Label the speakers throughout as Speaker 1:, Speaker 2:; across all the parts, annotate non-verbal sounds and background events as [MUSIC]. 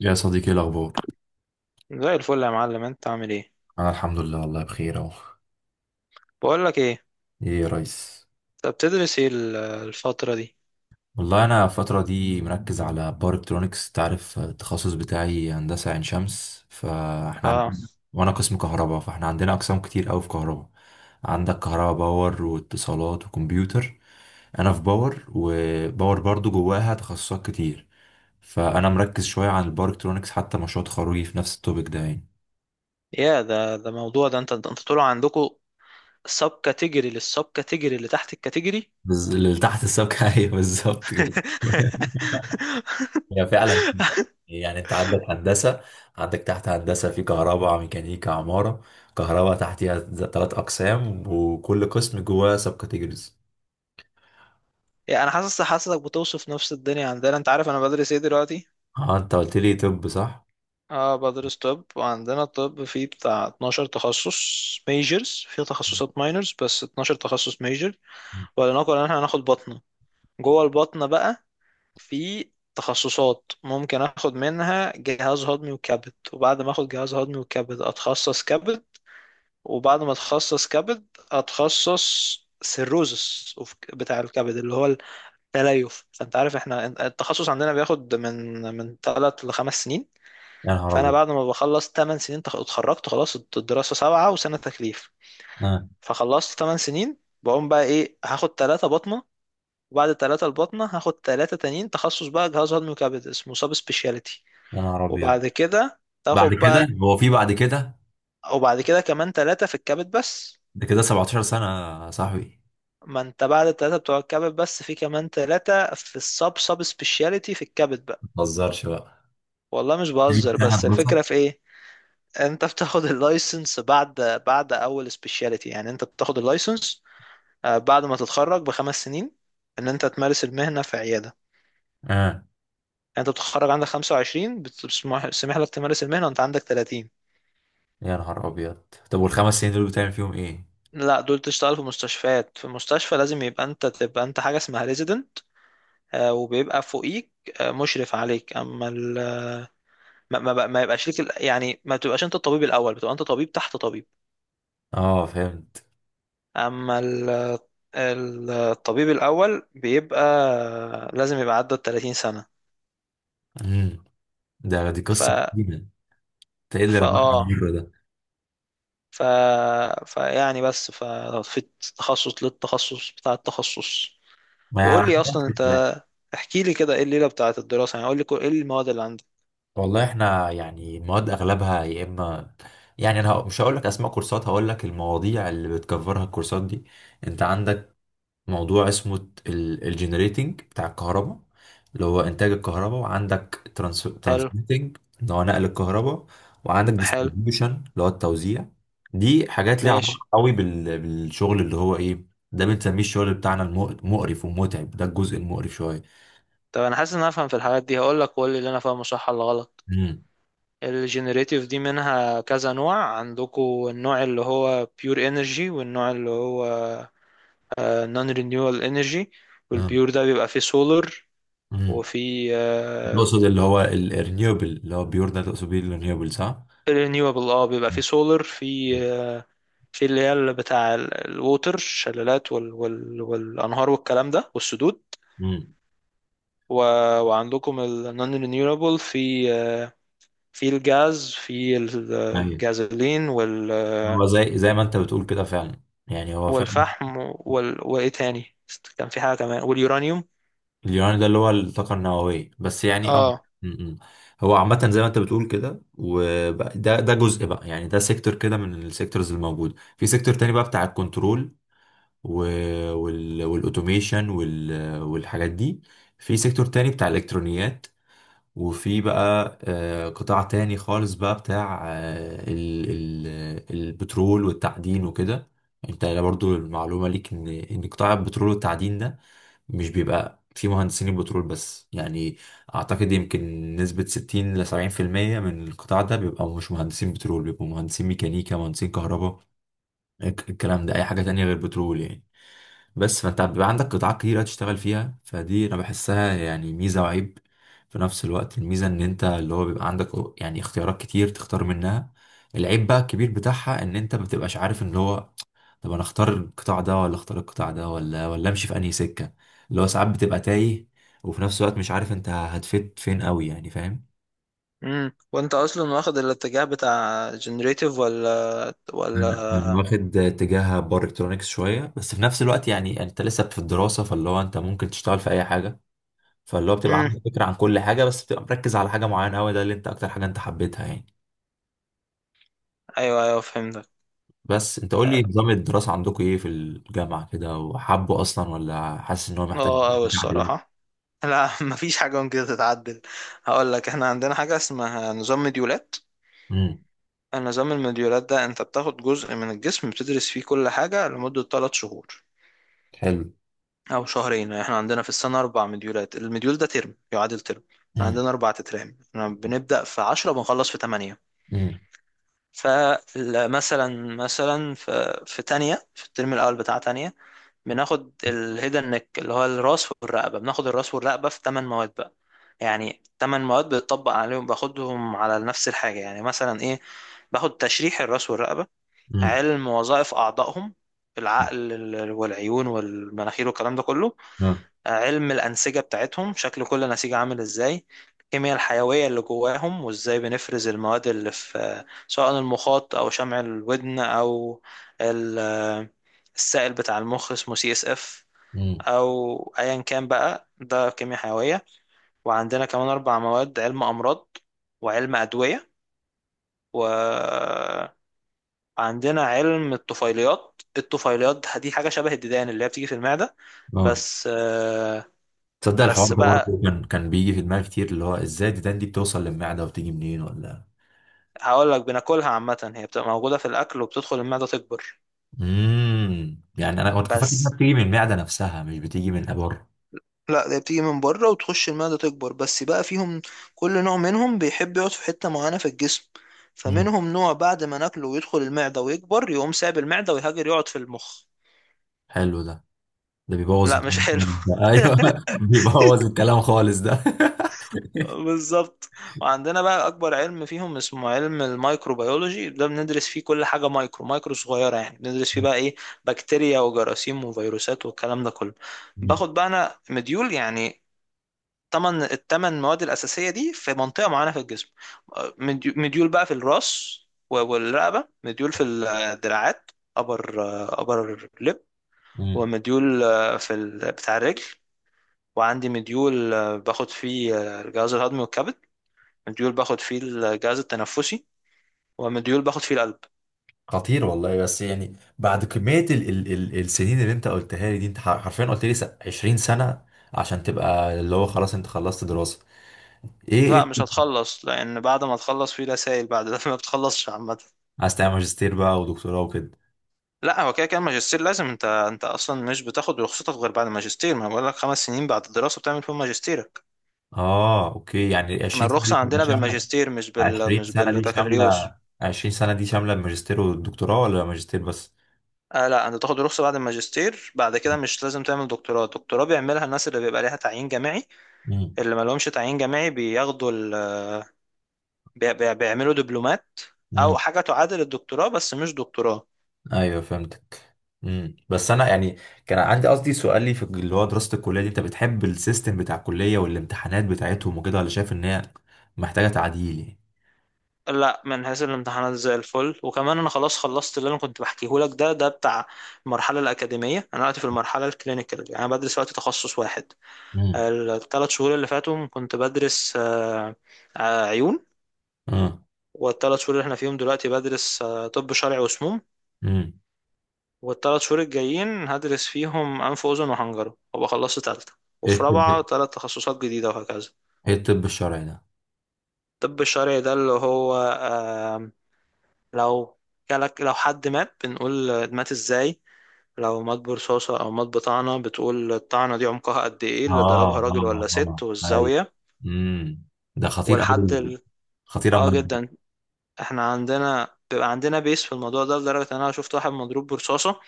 Speaker 1: يا صديقي إيه الأخبار؟
Speaker 2: زي الفل يا معلم، انت عامل ايه؟
Speaker 1: أنا الحمد لله، والله بخير أهو.
Speaker 2: بقول لك ايه؟
Speaker 1: إيه يا ريس؟
Speaker 2: طب بتدرس ايه الفتره دي؟
Speaker 1: والله أنا الفترة دي مركز على باور إلكترونكس. تعرف التخصص بتاعي هندسة عين شمس، فإحنا
Speaker 2: اه.
Speaker 1: عندنا، وأنا قسم كهرباء، فإحنا عندنا أقسام كتير أوي في كهرباء. عندك كهرباء باور واتصالات وكمبيوتر. أنا في باور، وباور برضو جواها تخصصات كتير. فأنا مركز شوية عن الباور إلكترونكس، حتى مشروع تخرجي في نفس التوبيك ده يعني.
Speaker 2: يا ده موضوع، ده انت طلع عندكم سب كاتيجوري للسب كاتيجوري اللي تحت الكاتيجوري.
Speaker 1: اللي تحت السبكة [LAUGHS] أيوه بالظبط
Speaker 2: [LAUGHS]
Speaker 1: كده. [LAUGHS] هي فعلا. يعني انت عندك هندسه، عندك تحت هندسه في كهرباء ميكانيكا عماره. كهرباء تحتها ثلاث اقسام، وكل قسم جواه سب كاتيجوريز.
Speaker 2: يعني انا حاسسك بتوصف نفس الدنيا عندنا. انت عارف انا بدرس ايه دلوقتي؟
Speaker 1: اه انت قلت لي، طب صح.
Speaker 2: اه، بدرس طب. وعندنا الطب فيه بتاع 12 تخصص، ميجرز، فيه تخصصات ماينرز، بس 12 تخصص ميجر. ولنقل ان احنا هناخد بطنه. جوه البطنه بقى في تخصصات ممكن اخد منها جهاز هضمي وكبد، وبعد ما اخد جهاز هضمي وكبد اتخصص كبد. وبعد ما اتخصص كبد اتخصص سيروزس بتاع الكبد، اللي هو التليف. فانت عارف احنا التخصص عندنا بياخد من 3 ل 5 سنين.
Speaker 1: يا نهار
Speaker 2: فانا
Speaker 1: ابيض.
Speaker 2: بعد ما بخلص 8 سنين، اتخرجت خلاص، الدراسة سبعة وسنة تكليف.
Speaker 1: آه.
Speaker 2: فخلصت 8 سنين. بقوم بقى ايه؟ هاخد 3. وبعد التلاتة الباطنة هاخد تلاتة تانيين تخصص بقى جهاز هضمي وكبد، اسمه سب سبيشاليتي.
Speaker 1: يا نهار ابيض.
Speaker 2: وبعد كده
Speaker 1: بعد
Speaker 2: تاخد
Speaker 1: كده
Speaker 2: بقى،
Speaker 1: هو في بعد كده؟
Speaker 2: وبعد كده كمان تلاتة في الكبد بس.
Speaker 1: ده كده 17 سنه يا صاحبي.
Speaker 2: ما انت بعد التلاتة بتوع الكبد بس في كمان تلاتة في السب سب سبيشاليتي في الكبد بقى.
Speaker 1: ما تهزرش بقى.
Speaker 2: والله مش
Speaker 1: [LAUGHS]
Speaker 2: بهزر،
Speaker 1: سنه
Speaker 2: بس
Speaker 1: دراسه.
Speaker 2: الفكرة في ايه؟ انت بتاخد [LAUGHS] اللايسنس بعد، بعد اول سبيشاليتي، يعني انت بتاخد اللايسنس. بعد ما تتخرج بخمس سنين، ان انت تمارس المهنة في عيادة.
Speaker 1: اه
Speaker 2: يعني انت بتتخرج عندك 25، بتسمح لك تمارس المهنة وانت عندك 30.
Speaker 1: يا نهار ابيض. طب والخمس سنين دول بتعمل فيهم ايه؟
Speaker 2: لا، دول تشتغل في مستشفيات. في المستشفى لازم يبقى انت تبقى انت حاجه اسمها ريزيدنت، وبيبقى فوقيك مشرف عليك. ما يبقاش ليك يعني ما تبقاش انت الطبيب الاول، بتبقى انت طبيب تحت طبيب.
Speaker 1: اه فهمت.
Speaker 2: اما ال... الطبيب الاول بيبقى لازم يبقى عدى ال 30 سنه.
Speaker 1: امم. ده دي
Speaker 2: ف
Speaker 1: قصه حزينه انت. ايه اللي
Speaker 2: فا
Speaker 1: رماك على
Speaker 2: اه
Speaker 1: المره؟
Speaker 2: ف فيعني، بس في تخصص للتخصص بتاع التخصص.
Speaker 1: ما يعني
Speaker 2: وقول لي
Speaker 1: عندنا
Speaker 2: اصلا
Speaker 1: نفس الكلام.
Speaker 2: انت، احكي لي كده ايه الليله بتاعت الدراسه، يعني قول لي ايه المواد اللي عندك.
Speaker 1: والله احنا يعني المواد اغلبها يا اما، يعني مش هقول لك اسماء كورسات، هقول لك المواضيع اللي بتكفرها الكورسات دي. انت عندك موضوع اسمه الجنريتنج بتاع الكهرباء، اللي هو انتاج الكهرباء، وعندك
Speaker 2: حلو.
Speaker 1: ترانسميتنج اللي هو نقل الكهرباء، وعندك
Speaker 2: حلو.
Speaker 1: ديستريبيوشن اللي هو التوزيع. دي حاجات ليها
Speaker 2: ماشي.
Speaker 1: علاقه قوي بالشغل اللي هو ايه. ده بنسميه الشغل بتاعنا المقرف ومتعب، ده الجزء المقرف شويه.
Speaker 2: طب انا حاسس ان انا افهم في الحاجات دي. هقول لك وقول لي اللي انا فاهمه صح ولا غلط. الجينيريتيف دي منها كذا نوع عندكم. النوع اللي هو بيور انرجي، والنوع اللي هو نون رينيوال انرجي. والبيور ده بيبقى فيه سولار
Speaker 1: امم،
Speaker 2: وفي.
Speaker 1: تقصد اللي هو الرينيوبل؟ اللي هو بيور ده تقصد بيه الرينيوبل صح؟
Speaker 2: رينيوبل اه، بيبقى فيه سولار، في في اللي هي اللي بتاع الووتر، الشلالات والانهار والكلام ده والسدود،
Speaker 1: امم.
Speaker 2: و... وعندكم النون رينيوبل في في الجاز، في
Speaker 1: ايوه،
Speaker 2: الجازولين
Speaker 1: هو زي زي ما انت بتقول كده فعلا، يعني هو فعلا.
Speaker 2: والفحم وايه تاني؟ كان في حاجة كمان، واليورانيوم.
Speaker 1: اليوراني ده اللي هو الطاقه النوويه بس يعني، اه.
Speaker 2: اه.
Speaker 1: امم. هو عامه زي ما انت بتقول كده. وده ده جزء بقى، يعني ده سيكتور كده من السيكتورز الموجوده. في سيكتور تاني بقى بتاع الكنترول والاوتوميشن والحاجات دي. في سيكتور تاني بتاع الالكترونيات. وفي بقى قطاع تاني خالص بقى بتاع البترول والتعدين وكده. انت برضو المعلومة ليك ان قطاع البترول والتعدين ده مش بيبقى فيه مهندسين البترول بس يعني. اعتقد يمكن نسبة 60 ل 70% من القطاع ده بيبقى مش مهندسين بترول، بيبقوا مهندسين ميكانيكا مهندسين كهرباء. الكلام ده اي حاجة تانية غير بترول يعني. بس فانت بيبقى عندك قطاعات كتيرة تشتغل فيها، فدي انا بحسها يعني ميزة وعيب في نفس الوقت. الميزة ان انت اللي هو بيبقى عندك يعني اختيارات كتير تختار منها. العيب بقى الكبير بتاعها ان انت ما بتبقاش عارف ان هو، طب انا اختار القطاع ده ولا اختار القطاع ده ولا امشي في انهي سكة. اللي هو ساعات بتبقى تايه، وفي نفس الوقت مش عارف انت هتفيد فين قوي يعني، فاهم؟
Speaker 2: وانت اصلا واخد الاتجاه بتاع جنريتيف ولا
Speaker 1: أنا
Speaker 2: ولا
Speaker 1: واخد اتجاه باور الكترونكس شويه، بس في نفس الوقت يعني انت لسه في الدراسه، فاللي هو انت ممكن تشتغل في اي حاجه. فاللي هو بتبقى
Speaker 2: امم
Speaker 1: عندك فكرة عن كل حاجة، بس بتبقى مركز على حاجة معينة أوي، ده اللي أنت أكتر حاجة أنت حبيتها يعني.
Speaker 2: ايوه، ايوه، فهمتك.
Speaker 1: بس أنت قول لي، نظام الدراسة عندكم إيه في الجامعة كده؟ وحابه أصلا، ولا حاسس إن هو محتاج
Speaker 2: اه اوي
Speaker 1: تعديلات؟
Speaker 2: الصراحة. لا، [LAUGHS] مفيش حاجة ممكن تتعدل. هقول لك احنا عندنا حاجة اسمها نظام مديولات.
Speaker 1: امم.
Speaker 2: النظام المديولات ده، انت بتاخد جزء من الجسم بتدرس فيه كل حاجة لمدة 3 شهور
Speaker 1: حلو.
Speaker 2: او شهرين. احنا عندنا في السنه 4 مديولات، المديول ده ترم، يعادل ترم. احنا
Speaker 1: امم.
Speaker 2: عندنا 4 تترام. احنا بنبدا في 10، بنخلص في 8.
Speaker 1: امم.
Speaker 2: فمثلا في تانية، في الترم الاول بتاع تانية، بناخد الهيدن نيك اللي هو الراس والرقبه. بناخد الراس والرقبه في 8 مواد بقى. يعني 8 مواد بتطبق عليهم، باخدهم على نفس الحاجه، يعني مثلا ايه؟ باخد تشريح الراس والرقبه،
Speaker 1: امم.
Speaker 2: علم وظائف اعضائهم، العقل والعيون والمناخير والكلام ده كله،
Speaker 1: اه.
Speaker 2: علم الأنسجة بتاعتهم، شكل كل نسيج عامل ازاي، الكيمياء الحيوية اللي جواهم وازاي بنفرز المواد اللي في، سواء المخاط أو شمع الودن أو ال- السائل بتاع المخ اسمه CSF،
Speaker 1: امم.
Speaker 2: أو أيا كان بقى، ده كيمياء حيوية. وعندنا كمان 4 مواد علم أمراض، وعلم أدوية. وعندنا علم الطفيليات. الطفيليات دي حاجة شبه الديدان اللي هي بتيجي في المعدة،
Speaker 1: اه.
Speaker 2: بس آه،
Speaker 1: تصدق الحوار
Speaker 2: بس
Speaker 1: ده
Speaker 2: بقى
Speaker 1: برضه كان بيجي في دماغي كتير، اللي هو إزاي الديدان دي بتوصل للمعدة وبتيجي منين ولا.
Speaker 2: هقول لك، بناكلها عامة، هي بتبقى موجودة في الأكل وبتدخل المعدة تكبر.
Speaker 1: امم، يعني أنا كنت فاكر إنها
Speaker 2: بس
Speaker 1: بتيجي من المعدة نفسها، مش بتيجي من الأبر.
Speaker 2: لا، ده بتيجي من بره وتخش المعدة تكبر، بس بقى فيهم كل نوع منهم بيحب يقعد في حتة معينة في الجسم.
Speaker 1: امم.
Speaker 2: فمنهم نوع بعد ما ناكله ويدخل المعدة ويكبر يقوم سايب المعدة ويهاجر يقعد في المخ.
Speaker 1: حلو ده. ده بيبوظ
Speaker 2: لا، مش
Speaker 1: الدنيا
Speaker 2: حلو.
Speaker 1: خالص ده.
Speaker 2: [LAUGHS]
Speaker 1: ايوه. [LAUGHS] بيبوظ الكلام خالص ده. [LAUGHS]
Speaker 2: بالظبط. وعندنا بقى اكبر علم فيهم اسمه علم الميكروبيولوجي. ده بندرس فيه كل حاجه مايكرو مايكرو صغيره، يعني بندرس فيه بقى ايه؟ بكتيريا وجراثيم وفيروسات والكلام ده كله.
Speaker 1: مم.
Speaker 2: باخد بقى انا مديول يعني التمن مواد الاساسيه دي في منطقه معينه في الجسم. مديول بقى في الراس والرقبه، مديول في الدراعات، ابر ابر لب،
Speaker 1: مم.
Speaker 2: ومديول في بتاع الرجل. وعندي مديول باخد فيه الجهاز الهضمي والكبد، مديول باخد فيه الجهاز التنفسي، ومديول باخد فيه القلب.
Speaker 1: خطير والله. بس يعني بعد كمية ال السنين اللي انت قلتها لي دي، انت حرفيا قلت لي 20 سنة عشان تبقى اللي هو خلاص انت خلصت دراسة. ايه ايه
Speaker 2: لا، مش
Speaker 1: كنت
Speaker 2: هتخلص، لان بعد ما تخلص في رسائل بعد ده. [LAUGHS] ما بتخلصش عامه.
Speaker 1: عايز تعمل ماجستير بقى ودكتوراه وكده؟
Speaker 2: لا، هو كده كده الماجستير لازم، انت اصلا مش بتاخد رخصتك غير بعد الماجستير. ما أنا بقول لك 5 سنين بعد الدراسه بتعمل فيهم ماجستيرك.
Speaker 1: اه اوكي، يعني
Speaker 2: احنا
Speaker 1: 20 سنة دي
Speaker 2: الرخصه
Speaker 1: بتبقى
Speaker 2: عندنا
Speaker 1: شاملة.
Speaker 2: بالماجستير، مش
Speaker 1: 20 سنة دي
Speaker 2: بالبكالوريوس.
Speaker 1: شاملة، 20 سنة دي شاملة الماجستير والدكتوراه، ولا ماجستير بس؟
Speaker 2: آه لا، انت تاخد رخصه بعد الماجستير. بعد كده مش لازم تعمل دكتوراه. الدكتوراه بيعملها الناس اللي بيبقى ليها تعيين جامعي. اللي ما لهمش تعيين جامعي بياخدوا بيعملوا دبلومات،
Speaker 1: مم.
Speaker 2: او حاجه تعادل الدكتوراه بس مش دكتوراه.
Speaker 1: ايوه فهمتك. امم، بس انا يعني كان عندي قصدي سؤالي في اللي هو دراسه الكليه دي، انت بتحب السيستم بتاع الكليه والامتحانات بتاعتهم وكده، ولا شايف ان هي محتاجه تعديل يعني؟
Speaker 2: لا، من حيث الامتحانات زي الفل. وكمان انا خلاص خلصت. اللي انا كنت بحكيه لك ده بتاع المرحله الاكاديميه. انا دلوقتي في المرحله الكلينيكال، يعني انا بدرس وقت تخصص واحد.
Speaker 1: امم.
Speaker 2: الثلاث شهور اللي فاتهم كنت بدرس عيون.
Speaker 1: امم.
Speaker 2: والثلاث شهور اللي احنا فيهم دلوقتي بدرس طب شرعي وسموم.
Speaker 1: امم.
Speaker 2: والثلاث شهور الجايين هدرس فيهم انف واذن وحنجره، وابقى خلصت ثالثه.
Speaker 1: ايه
Speaker 2: وفي رابعه
Speaker 1: الطب؟
Speaker 2: 3 تخصصات جديده، وهكذا.
Speaker 1: ايه الطب الشرعي ده؟
Speaker 2: الطب الشرعي ده اللي هو، آم، لو جالك، لو حد مات بنقول مات ازاي؟ لو مات برصاصة أو مات بطعنة بتقول الطعنة دي عمقها قد ايه؟ اللي
Speaker 1: اه
Speaker 2: ضربها راجل ولا
Speaker 1: اه اه
Speaker 2: ست،
Speaker 1: ايوه.
Speaker 2: والزاوية.
Speaker 1: امم. ده خطير
Speaker 2: والحد
Speaker 1: قوي. خطير
Speaker 2: اه
Speaker 1: اما.
Speaker 2: جدا. احنا عندنا بيبقى عندنا بيس في الموضوع ده، لدرجة ان انا شفت واحد مضروب برصاصة.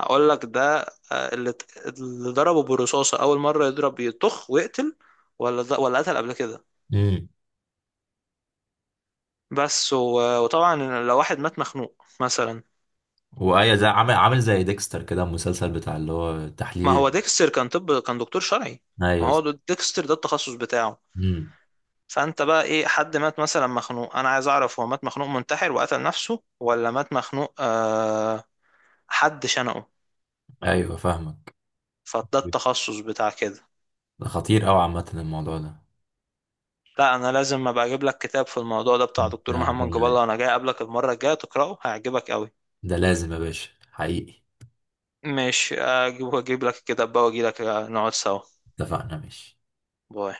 Speaker 2: هقول لك ده. اللي ضربه بالرصاصة أول مرة يضرب يطخ ويقتل، ولا ده ولا قتل قبل كده؟
Speaker 1: امم.
Speaker 2: بس وطبعا، لو واحد مات مخنوق مثلا.
Speaker 1: وايه، زي عامل عامل زي ديكستر كده المسلسل بتاع اللي هو
Speaker 2: ما
Speaker 1: تحليل.
Speaker 2: هو ديكستر كان دكتور شرعي. ما
Speaker 1: ايوه.
Speaker 2: هو ديكستر ده التخصص بتاعه.
Speaker 1: امم.
Speaker 2: فانت بقى ايه؟ حد مات مثلا مخنوق، انا عايز اعرف هو مات مخنوق منتحر وقتل نفسه ولا مات مخنوق؟ حد شنقه.
Speaker 1: ايوه فاهمك.
Speaker 2: فده التخصص بتاع كده.
Speaker 1: ده خطير قوي عامه الموضوع ده.
Speaker 2: لا، انا لازم ابقى اجيب لك كتاب في الموضوع ده، بتاع دكتور
Speaker 1: ده
Speaker 2: محمد جاب الله. انا جاي اقابلك المره الجايه تقراه، هيعجبك قوي.
Speaker 1: ده لازم يا باشا حقيقي.
Speaker 2: ماشي، اجيب لك الكتاب بقى، واجي لك نقعد سوا.
Speaker 1: اتفقنا ماشي.
Speaker 2: باي.